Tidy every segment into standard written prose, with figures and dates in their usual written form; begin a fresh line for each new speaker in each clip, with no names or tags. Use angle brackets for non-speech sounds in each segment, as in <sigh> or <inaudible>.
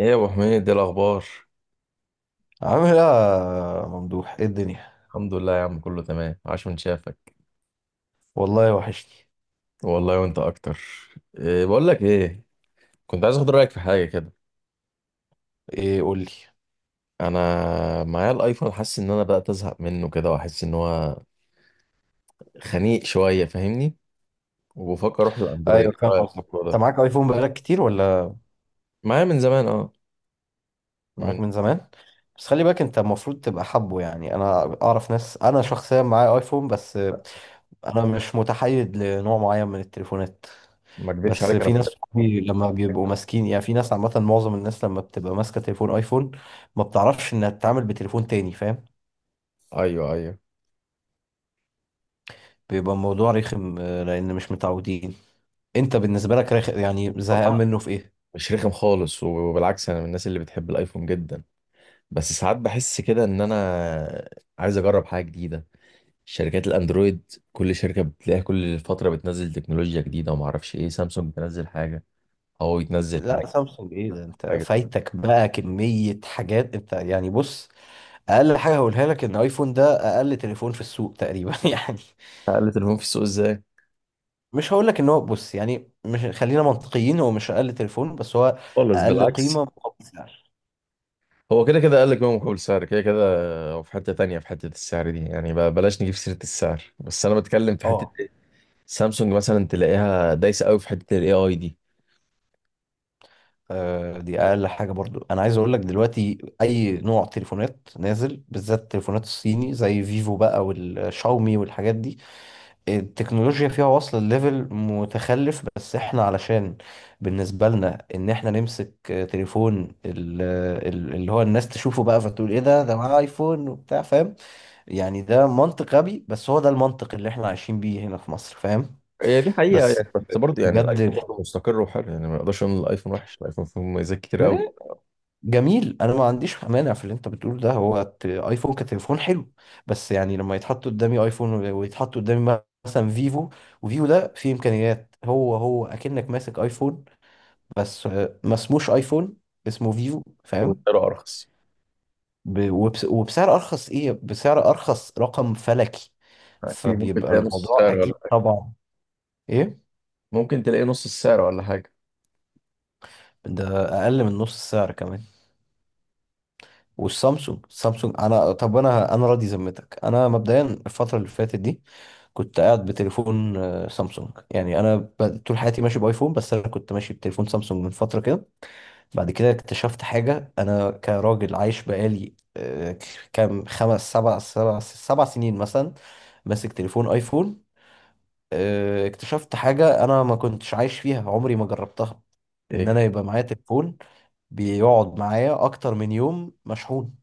ايه يا ابو حميد، ايه الاخبار؟
عامل ايه يا ممدوح؟ ايه الدنيا؟
الحمد لله يا عم، كله تمام، عاش من شافك.
والله وحشني.
والله وانت اكتر. إيه بقول لك ايه، كنت عايز اخد رايك في حاجه كده.
ايه؟ قول لي.
انا معايا الايفون، حاسس ان انا بدات ازهق منه كده، واحس ان هو خنيق شويه، فاهمني؟ وبفكر اروح للاندرويد،
ايوه،
إيه
فاهم
رايك
قصدك.
في الموضوع
انت
ده؟
معاك ايفون بقالك كتير ولا؟
معايا من زمان اه.
معاك
من
من زمان. بس خلي بالك، انت المفروض تبقى حابه، يعني انا اعرف ناس. انا شخصيا معايا ايفون، بس انا مش متحيز لنوع معين من التليفونات.
ما اكدبش
بس
عليك انا.
في ناس صحابي لما بيبقوا ماسكين، يعني في ناس عامه، معظم الناس لما بتبقى ماسكه تليفون ايفون ما بتعرفش انها تتعامل بتليفون تاني، فاهم؟
ايوه، ايوه.
بيبقى الموضوع رخم لان مش متعودين. انت بالنسبه لك يعني
والله
زهقان منه في ايه؟
مش رخم خالص، وبالعكس انا من الناس اللي بتحب الايفون جدا، بس ساعات بحس كده ان انا عايز اجرب حاجه جديده. شركات الاندرويد كل شركه بتلاقيها كل فتره بتنزل تكنولوجيا جديده، وما اعرفش ايه، سامسونج تنزل حاجه، هواوي تنزل
لا
حاجه،
سامسونج، ايه ده؟ انت
حاجه.
فايتك بقى كمية حاجات. انت يعني بص، اقل حاجة هقولها لك ان ايفون ده اقل تليفون في السوق تقريبا <laughs> يعني.
اقل تليفون في السوق ازاي؟
مش هقول لك ان هو، بص، يعني مش، خلينا منطقيين، هو مش اقل تليفون، بس هو
خالص،
اقل
بالعكس.
قيمة مقابل سعر.
هو كده كده قال لك بقى مقابل سعر كده كده. هو في حته تانية، في حته السعر دي يعني بقى بلاش نجيب سيره السعر، بس انا بتكلم في حته
اه.
إيه؟ سامسونج مثلا تلاقيها دايسه قوي في حته الاي اي دي.
دي اقل حاجة برضو. انا عايز اقول لك دلوقتي اي نوع تليفونات نازل، بالذات التليفونات الصيني زي فيفو بقى والشاومي والحاجات دي، التكنولوجيا فيها واصلة لليفل متخلف. بس احنا، علشان بالنسبة لنا ان احنا نمسك تليفون اللي هو الناس تشوفه بقى فتقول ايه ده، ده معاه ايفون وبتاع، فاهم يعني؟ ده منطق غبي، بس هو ده المنطق اللي احنا عايشين بيه هنا في مصر، فاهم؟
هي دي حقيقه
بس
يعني، بس برضه يعني الايفون
بجد،
برضه مستقر وحلو، يعني ما نقدرش نقول الايفون وحش، الايفون فيه مميزات كتير قوي.
ما- جميل. انا ما عنديش مانع في اللي انت بتقول ده، هو ايفون كتليفون حلو، بس يعني لما يتحط قدامي ايفون ويتحط قدامي مثلا فيفو، وفيفو ده فيه امكانيات هو هو اكنك ماسك ايفون، بس ما اسموش ايفون، اسمه فيفو، فاهم؟
وسعره ارخص.
وبسعر ارخص، ايه، بسعر ارخص رقم فلكي.
اكيد ممكن
فبيبقى
تلاقي نص
الموضوع
السعر ولا؟
اكيد طبعا، ايه،
ممكن تلاقي نص السعر ولا حاجة.
ده اقل من نص السعر كمان. والسامسونج، السامسونج انا، طب انا، انا راضي ذمتك، انا مبدئيا الفتره اللي فاتت دي كنت قاعد بتليفون سامسونج. يعني انا طول حياتي ماشي بايفون، بس انا كنت ماشي بتليفون سامسونج من فتره كده. بعد كده اكتشفت حاجة. أنا كراجل عايش بقالي كام، خمس سبع سبع سبع سنين مثلا ماسك تليفون آيفون. اكتشفت حاجة أنا ما كنتش عايش فيها، عمري ما جربتها. إن
إيه؟
أنا يبقى معايا تليفون بيقعد معايا أكتر من يوم مشحون.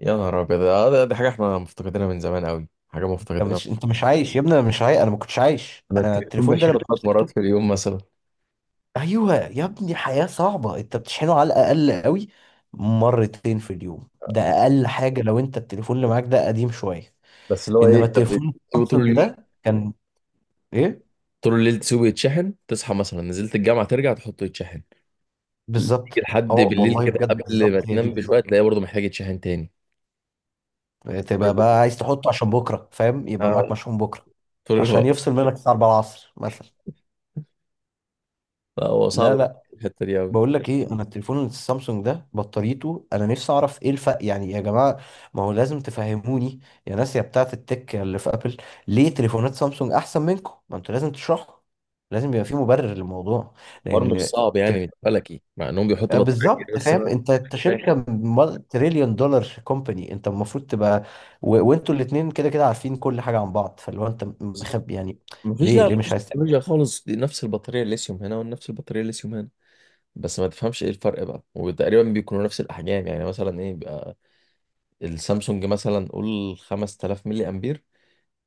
يا نهار أبيض، آه، دي حاجة احنا مفتقدينها من زمان قوي، حاجة
أنت
مفتقدينها.
مش، أنت مش عايش يا ابني. أنا مش عايش، أنا ما كنتش عايش.
أنا
أنا
التليفون
التليفون ده
بشحنه
لما
3 مرات
مسكته،
في اليوم مثلا.
أيوه يا ابني، حياة صعبة. أنت بتشحنه على الأقل قوي مرتين في اليوم، ده أقل حاجة، لو أنت التليفون اللي معاك ده قديم شوية.
بس اللي هو إيه،
انما
أنت
التليفون
بتسيبه طول
سامسونج
اليوم،
ده كان، ايه،
طول الليل تسيبه يتشحن، تصحى مثلا نزلت الجامعة ترجع تحطه يتشحن، تيجي
بالظبط اه،
لحد بالليل
والله
كده
بجد
قبل ما
بالظبط، هي دي
تنام بشوية
بالظبط.
تلاقيه برضه محتاج يتشحن تاني.
تبقى بقى عايز تحطه عشان بكره، فاهم؟ يبقى معاك
اه،
مشحون بكره،
طول
عشان
الوقت.
يفصل منك الساعه 4 العصر مثلا.
لا، هو صعب.
لا، لا.
الحتة دي أوي.
بقول لك ايه، انا التليفون السامسونج ده بطاريته، انا نفسي اعرف ايه الفرق، يعني يا جماعه ما هو لازم تفهموني. يا ناس يا بتاعه التك اللي في ابل، ليه تليفونات سامسونج احسن منكم؟ ما انتوا لازم تشرحوا، لازم يبقى في مبرر للموضوع.
الحوار مش
لان
صعب يعني، مش فلكي، مع إنهم بيحطوا بطارية كتير
بالظبط،
بس
فاهم؟
أنا
انت، انت
ماشي.
شركه تريليون دولار كومباني، انت المفروض تبقى، وانتوا الاثنين كده كده عارفين كل حاجه عن بعض، فاللي هو انت مخبي يعني،
مفيش،
ليه،
لا
ليه مش
مفيش
عايز تعمل؟
تكنولوجيا خالص، دي نفس البطارية الليثيوم هنا ونفس البطارية الليثيوم هنا. بس ما تفهمش ايه الفرق بقى، وتقريبا بيكونوا نفس الاحجام. يعني مثلا ايه بيبقى السامسونج، مثلا قول 5000 ملي امبير،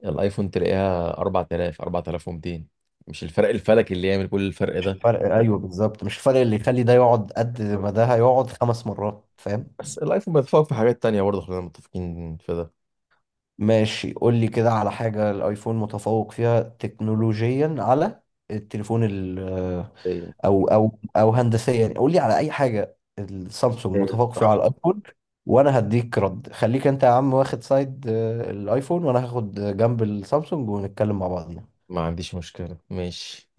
الايفون تلاقيها 4000، 4200. مش الفرق الفلكي اللي يعمل كل الفرق
مش
ده.
الفرق <laughs> ايوه بالظبط، مش الفرق اللي يخلي ده يقعد قد ما ده هيقعد 5 مرات، فاهم؟
بس الايفون بيتفوق في حاجات تانية برضه، خلينا متفقين في ده.
ماشي، قول لي كده على حاجه الايفون متفوق فيها تكنولوجيا على التليفون،
إيه،
او او او هندسيا، يعني قول لي على اي حاجه السامسونج
إيه،
متفوق فيها على
بصراحة.
الايفون، وانا هديك رد. خليك انت يا عم واخد سايد الايفون، وانا هاخد جنب السامسونج، ونتكلم مع بعضنا.
ما عنديش مشكلة، ماشي.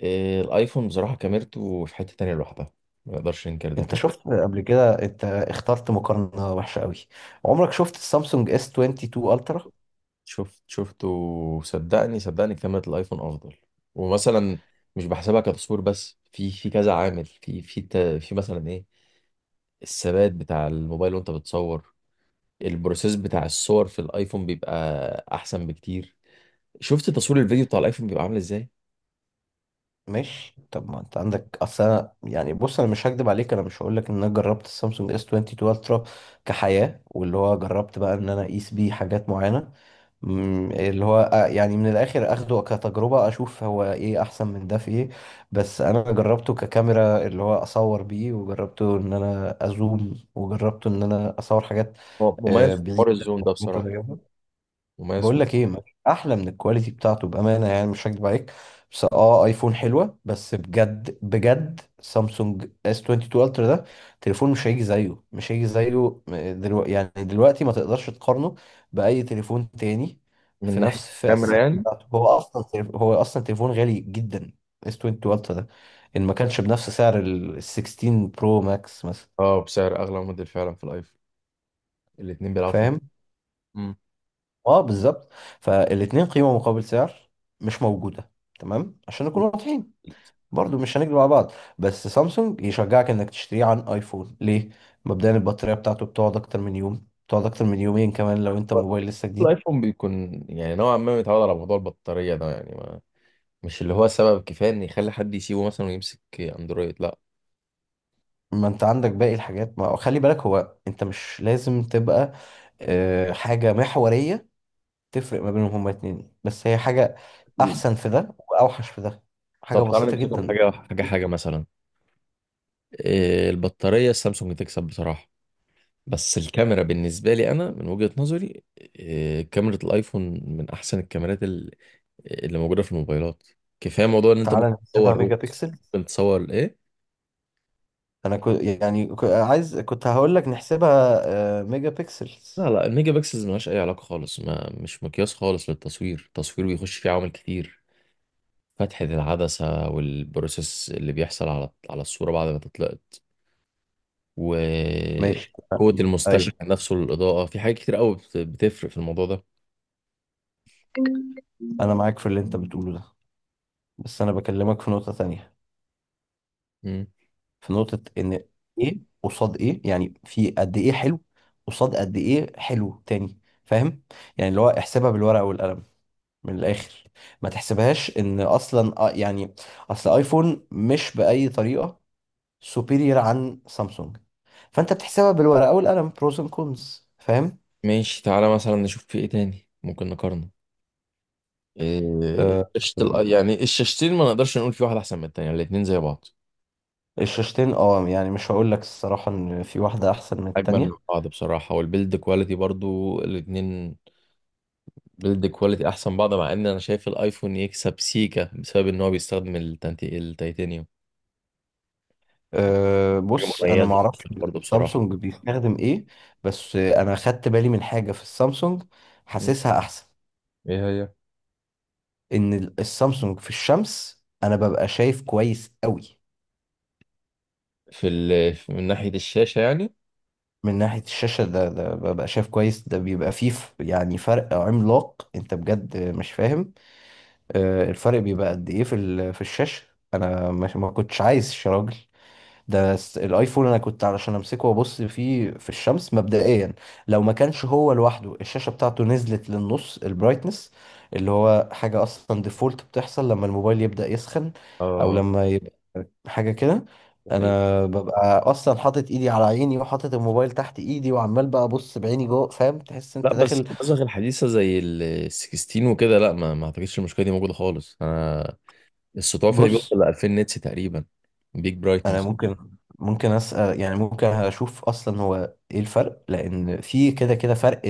إيه، الايفون بصراحة كاميرته في حتة تانية لوحدها، ما نقدرش ننكر ده.
انت شفت قبل كده؟ انت اخترت مقارنه وحشه قوي. عمرك شفت السامسونج اس 22 الترا؟
شفت، شفته. صدقني صدقني، كاميرا الايفون افضل. ومثلا مش بحسبها كتصوير، بس في كذا عامل، في مثلا ايه، الثبات بتاع الموبايل وانت بتصور، البروسيس بتاع الصور في الايفون بيبقى احسن بكتير. شفت تصوير الفيديو بتاع الايفون بيبقى عامل ازاي.
ماشي، طب ما انت عندك، اصل يعني بص، انا مش هكدب عليك، انا مش هقول لك ان انا جربت السامسونج اس 22 الترا كحياه واللي هو جربت بقى ان انا اقيس بيه حاجات معينه. اللي هو يعني من الاخر اخده كتجربة اشوف هو ايه احسن من ده في ايه. بس انا جربته ككاميرا، اللي هو اصور بيه، وجربته ان انا ازوم، وجربته ان انا اصور حاجات
هو مميز في حوار
بعيدة
الزوم ده بصراحة.
ومتغيرة.
مميز
بقول لك ايه، مفيش احلى من الكواليتي بتاعته، بامانه يعني، مش هكدب عليك. بس اه، ايفون حلوه، بس بجد بجد، سامسونج اس 22 الترا ده تليفون مش هيجي زيه، مش هيجي زيه دلوقتي. يعني دلوقتي ما تقدرش تقارنه باي تليفون تاني
من
في
ناحية
نفس فئه
الكاميرا
السعر
يعني.
بتاعته. هو اصلا هو اصلا تليفون غالي جدا، اس 22 الترا ده، ان ما كانش بنفس سعر ال 16 برو ماكس مثلا.
اه بسعر اغلى موديل فعلا في الايفون، الاتنين بيلعبوا في
فاهم؟
مم. نفس
اه، بالظبط. فالاتنين قيمة مقابل سعر مش موجودة، تمام؟ عشان نكون واضحين، برضو مش هنكذب على بعض. بس سامسونج يشجعك انك تشتريه عن ايفون ليه؟ مبدئيا البطارية بتاعته بتقعد اكتر من يوم، بتقعد اكتر من يومين كمان لو انت
الوقت.
موبايل لسه جديد.
الايفون بيكون يعني نوعا ما متعود على موضوع البطارية ده يعني، مش اللي هو سبب كفاية إن يخلي حد يسيبه مثلا ويمسك أندرويد. لا،
ما انت عندك باقي الحاجات. ما خلي بالك، هو انت مش لازم تبقى حاجة محورية تفرق ما بينهم هما اتنين، بس هي حاجة
أكيد.
احسن في ده واوحش في ده، حاجة
طب تعالى
بسيطة
نمسكه
جدا.
بحاجة، حاجة حاجة مثلا. إيه البطارية، السامسونج تكسب بصراحة. بس الكاميرا بالنسبة لي أنا من وجهة نظري إيه، كاميرا الآيفون من أحسن الكاميرات اللي موجودة في الموبايلات. كفاية موضوع إن أنت
تعالى
ممكن
نقسمها
تصور
ميجا بيكسل.
ممكن تصور إيه.
انا كنت يعني عايز، كنت هقول لك نحسبها ميجا بيكسلز.
لا لا، الميجا بكسلز ملهاش أي علاقة خالص، ما مش مقياس خالص للتصوير. التصوير بيخش فيه عوامل كتير، فتحة العدسة، والبروسيس اللي بيحصل على على الصورة بعد ما تطلع،
ماشي،
وقوة المستشعر
ايوه،
نفسه للإضاءة. في حاجات كتير قوي بتفرق في الموضوع ده.
انا معاك في اللي انت بتقوله ده، بس انا بكلمك في نقطة تانية،
مم.
في نقطة ان، ايه قصاد ايه، يعني في قد ايه حلو قصاد قد ايه حلو تاني، فاهم؟ يعني اللي هو احسبها بالورقة والقلم، من الاخر. ما تحسبهاش ان اصلا يعني اصل ايفون مش بأي طريقة سوبيريور عن سامسونج، فانت بتحسبها بالورقة والقلم، بروز اند كونز، فاهم؟
ماشي تعالى مثلا نشوف في إيه تاني ممكن نقارنه. إيه،
آه،
شاشة يعني الشاشتين ما نقدرش نقول في واحدة أحسن من التانية، الاتنين زي بعض.
الشاشتين، اه، يعني مش هقول لك الصراحة ان في واحدة احسن من
أجمل من
التانية.
بعض بصراحة. والبيلد كواليتي برضو الاتنين بيلد كواليتي أحسن بعض، مع إن أنا شايف الأيفون يكسب سيكا بسبب إن هو بيستخدم التيتانيوم.
أه،
حاجة
بص انا
مميزة
معرفش
برضو بصراحة.
سامسونج بيستخدم ايه. بس انا خدت بالي من حاجة في السامسونج،
مم.
حاسسها احسن.
ايه هي؟
ان السامسونج في الشمس انا ببقى شايف كويس قوي،
في من ناحية الشاشة يعني،
من ناحية الشاشة. ده ببقى شايف كويس، ده بيبقى فيه، يعني فرق عملاق، انت بجد مش فاهم. أه الفرق بيبقى قد ايه في في الشاشة. انا ما كنتش عايز يا راجل، ده الايفون انا كنت علشان امسكه وابص فيه في الشمس مبدئيا، لو ما كانش هو لوحده الشاشه بتاعته نزلت للنص البرايتنس، اللي هو حاجه اصلا ديفولت بتحصل لما الموبايل يبدا يسخن، او
اه.
لما يبقى حاجه كده. انا ببقى اصلا حاطط ايدي على عيني وحاطط الموبايل تحت ايدي وعمال بقى ابص بعيني جوه، فاهم؟ تحس انت
لا بس
داخل.
النسخ الحديثه زي ال 16 وكده، لا، ما اعتقدش المشكله دي موجوده خالص. انا السطوع فيها بيوصل
بص
ل 2000 نيتس تقريبا. بيج
انا
برايتنس.
ممكن، ممكن اسال، يعني ممكن اشوف اصلا هو ايه الفرق، لان في كده كده فرق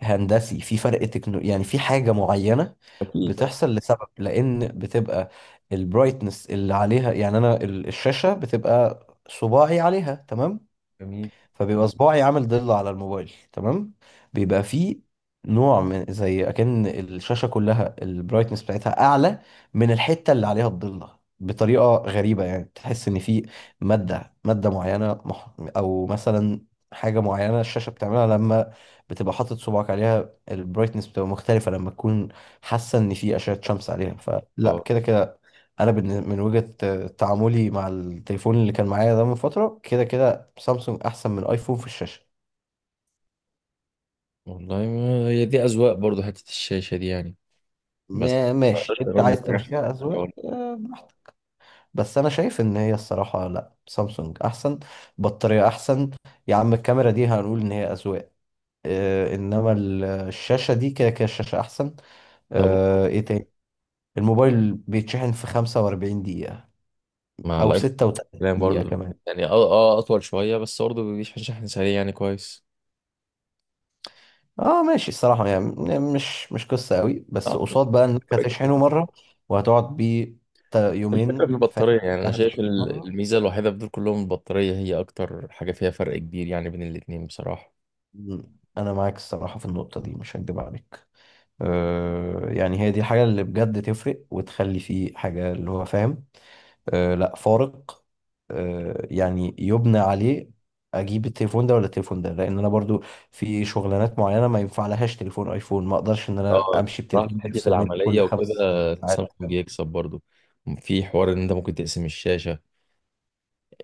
هندسي، في فرق تكنو، يعني في حاجه معينه
اكيد، لا.
بتحصل لسبب، لان بتبقى البرايتنس اللي عليها، يعني انا الشاشه بتبقى صباعي عليها، تمام؟
جميل.
فبيبقى صباعي عامل ضلة على الموبايل، تمام؟ بيبقى فيه نوع من زي اكن الشاشة كلها البرايتنس بتاعتها اعلى من الحتة اللي عليها الضلة، بطريقة غريبة، يعني تحس ان في مادة معينة او مثلا حاجة معينة الشاشة بتعملها لما بتبقى حاطط صباعك عليها، البرايتنس بتبقى مختلفة لما تكون حاسة ان في اشعة شمس عليها. فلا
اه
كده كده انا من وجهة تعاملي مع التليفون اللي كان معايا ده من فترة كده كده، سامسونج احسن من ايفون في الشاشه.
والله، ما هي دي اذواق برضو، حته الشاشه دي يعني. بس ما
ماشي،
اقدرش
انت
اقارني
عايز
في أي
تمشيها
حاجة.
اذواق براحتك، بس انا شايف ان هي الصراحه لا، سامسونج احسن. بطاريه احسن. يا عم الكاميرا دي هنقول ان هي اذواق انما الشاشه دي كده كده الشاشه احسن.
طب
ايه تاني؟ الموبايل بيتشحن في 45 دقيقه،
مع
او
الايفون، كلام
36 دقيقه
برضو.
كمان.
يعني اه، اه اطول شويه بس برضو بيشحن شحن سريع، يعني كويس.
اه ماشي، الصراحه يعني مش، مش قصه قوي، بس
اه،
قصاد بقى انك هتشحنه
الفكره
مره وهتقعد بيه
في
يومين، فاهم؟
البطاريه يعني، انا شايف
هتشحن مره.
الميزه الوحيده في دول كلهم البطاريه، هي اكتر حاجه فيها فرق كبير يعني بين الاتنين بصراحه.
انا معاك الصراحه في النقطه دي، مش هكدب عليك. أه يعني هي دي الحاجه اللي بجد تفرق وتخلي فيه حاجه اللي هو، فاهم؟ أه، لا، فارق. أه يعني يبنى عليه، اجيب التليفون ده ولا التليفون ده، لان انا برضو في شغلانات معينه ما ينفع لهاش تليفون ايفون، ما اقدرش ان انا
اه
امشي
بصراحة،
بتليفون
في حتة
بيفصل مني كل
العملية وكده
5 ساعات.
سامسونج يكسب برضو. في حوار ان انت ممكن تقسم الشاشة،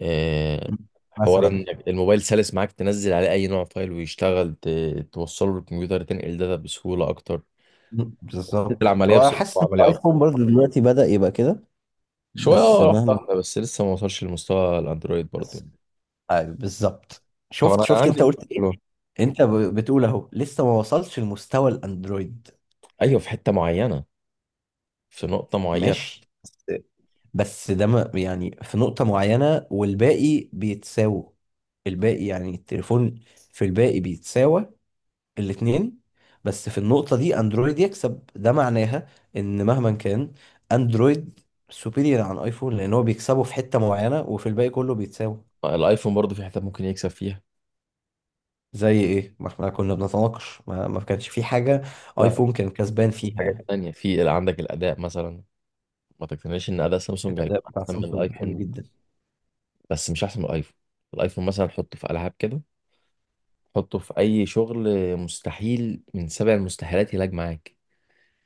آه،
مم.
حوار
مثلا،
ان الموبايل سلس معاك، تنزل عليه اي نوع فايل ويشتغل، توصله للكمبيوتر، تنقل داتا بسهولة اكتر.
بالظبط.
العملية
هو أنا
بصراحة
حاسس ان
عملية اكتر
الايفون برضو دلوقتي بدأ يبقى كده،
شوية،
بس
اه، واحدة
مهما
واحدة. بس لسه ما وصلش لمستوى الاندرويد برضو يعني.
بالظبط.
طب انا
شفت، انت
عندي
قلت ايه؟
حلوة.
انت بتقول اهو لسه ما وصلش لمستوى الاندرويد.
ايوه في حتة معينة، في نقطة معينة.
ماشي، بس ده ما يعني في نقطة معينة والباقي بيتساووا، الباقي يعني التليفون في الباقي بيتساوى الاتنين، بس في النقطة دي اندرويد يكسب، ده معناها ان مهما كان، اندرويد سوبيريور عن ايفون، لان هو بيكسبه في حتة معينة وفي الباقي كله بيتساوى.
الايفون برضو في حتة ممكن يكسب فيها.
زي ايه؟ ما احنا كنا بنتناقش ما كانش في حاجه
لا،
ايفون كان كسبان فيها يعني.
تانية، في عندك الأداء مثلا. ما تقتنعش إن أداء سامسونج هيكون
الاداء بتاع
أحسن من
سامسونج حلو
الأيفون.
جدا.
بس مش احسن من الايفون. الايفون مثلا حطه في العاب كده، حطه في اي شغل، مستحيل من سبع المستحيلات يلاج معاك.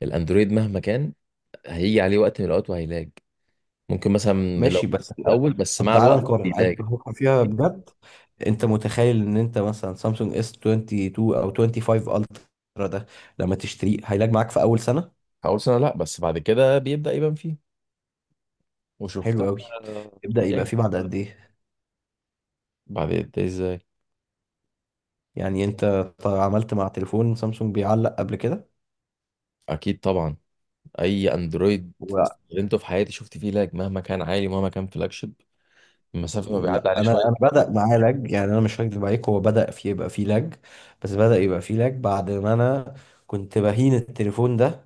الاندرويد مهما كان هيجي عليه وقت من الاوقات وهيلاج. ممكن مثلا لو
ماشي بس
في
انت،
الاول، بس
طب
مع
تعالى
الوقت
نقارن، عايز
بيلاج.
تفكر فيها بجد؟ انت متخيل ان انت مثلا سامسونج اس 22 او 25 الترا ده لما تشتريه هيلاقي معاك في اول سنه؟
في اول سنه لا، بس بعد كده بيبدا يبان فيه،
حلو
وشفتها.
قوي. يبدا يبقى
يعني
فيه بعد قد ايه
بعد ده ازاي؟
يعني؟ انت عملت مع تليفون سامسونج بيعلق قبل كده؟
اكيد طبعا، اي اندرويد استخدمته في حياتي شفت فيه لاج، مهما كان عالي، مهما كان فلاج شيب، المسافه ما بيعدي
لا
عليه.
انا، انا بدأ معايا لاج، يعني انا مش هكدب عليك، هو بدأ في يبقى فيه لاج، بس بدأ يبقى فيه لاج بعد ما انا كنت بهين التليفون ده.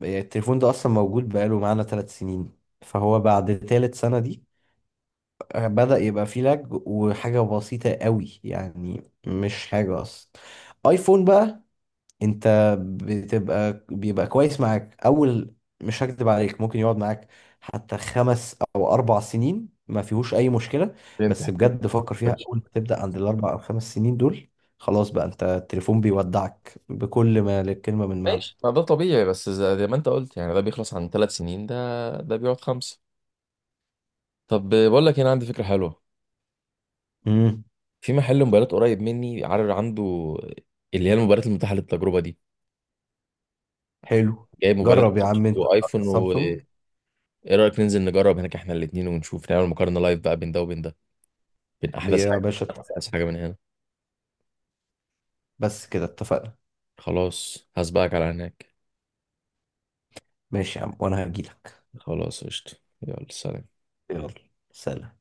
يعني التليفون ده اصلا موجود بقاله معانا 3 سنين، فهو بعد ثالث سنة دي بدأ يبقى فيه لاج، وحاجة بسيطة قوي يعني، مش حاجة اصلا. ايفون بقى، انت بتبقى، بيبقى كويس معاك اول، مش هكدب عليك، ممكن يقعد معاك حتى 5 أو 4 سنين ما فيهوش اي مشكلة. بس
شويه.
بجد فكر فيها، اول ما تبدأ عند ال 4 أو 5 سنين دول، خلاص بقى، انت التليفون بيودعك بكل ما للكلمة من معنى.
ماشي، ما ده طبيعي، بس زي ما انت قلت يعني، ده بيخلص عن 3 سنين، ده بيقعد خمسة. طب بقول لك، هنا عندي فكرة حلوة.
امم
في محل موبايلات قريب مني، عارف عنده اللي هي الموبايلات المتاحة للتجربة دي،
حلو.
جايب موبايلات
جرب يا عم انت
وايفون وايه.
السامسونج.
رأيك ننزل نجرب هناك احنا الاتنين ونشوف، نعمل مقارنة لايف بقى بين ده وبين ده، بين احدث
يا باشا
حاجة، احدث
اتفقنا.
حاجة من هنا.
بس كده اتفقنا.
خلاص هسبقك على هناك.
ماشي يا عم، وانا هجيلك.
خلاص قشطة. يلا سلام.
يلا، سلام.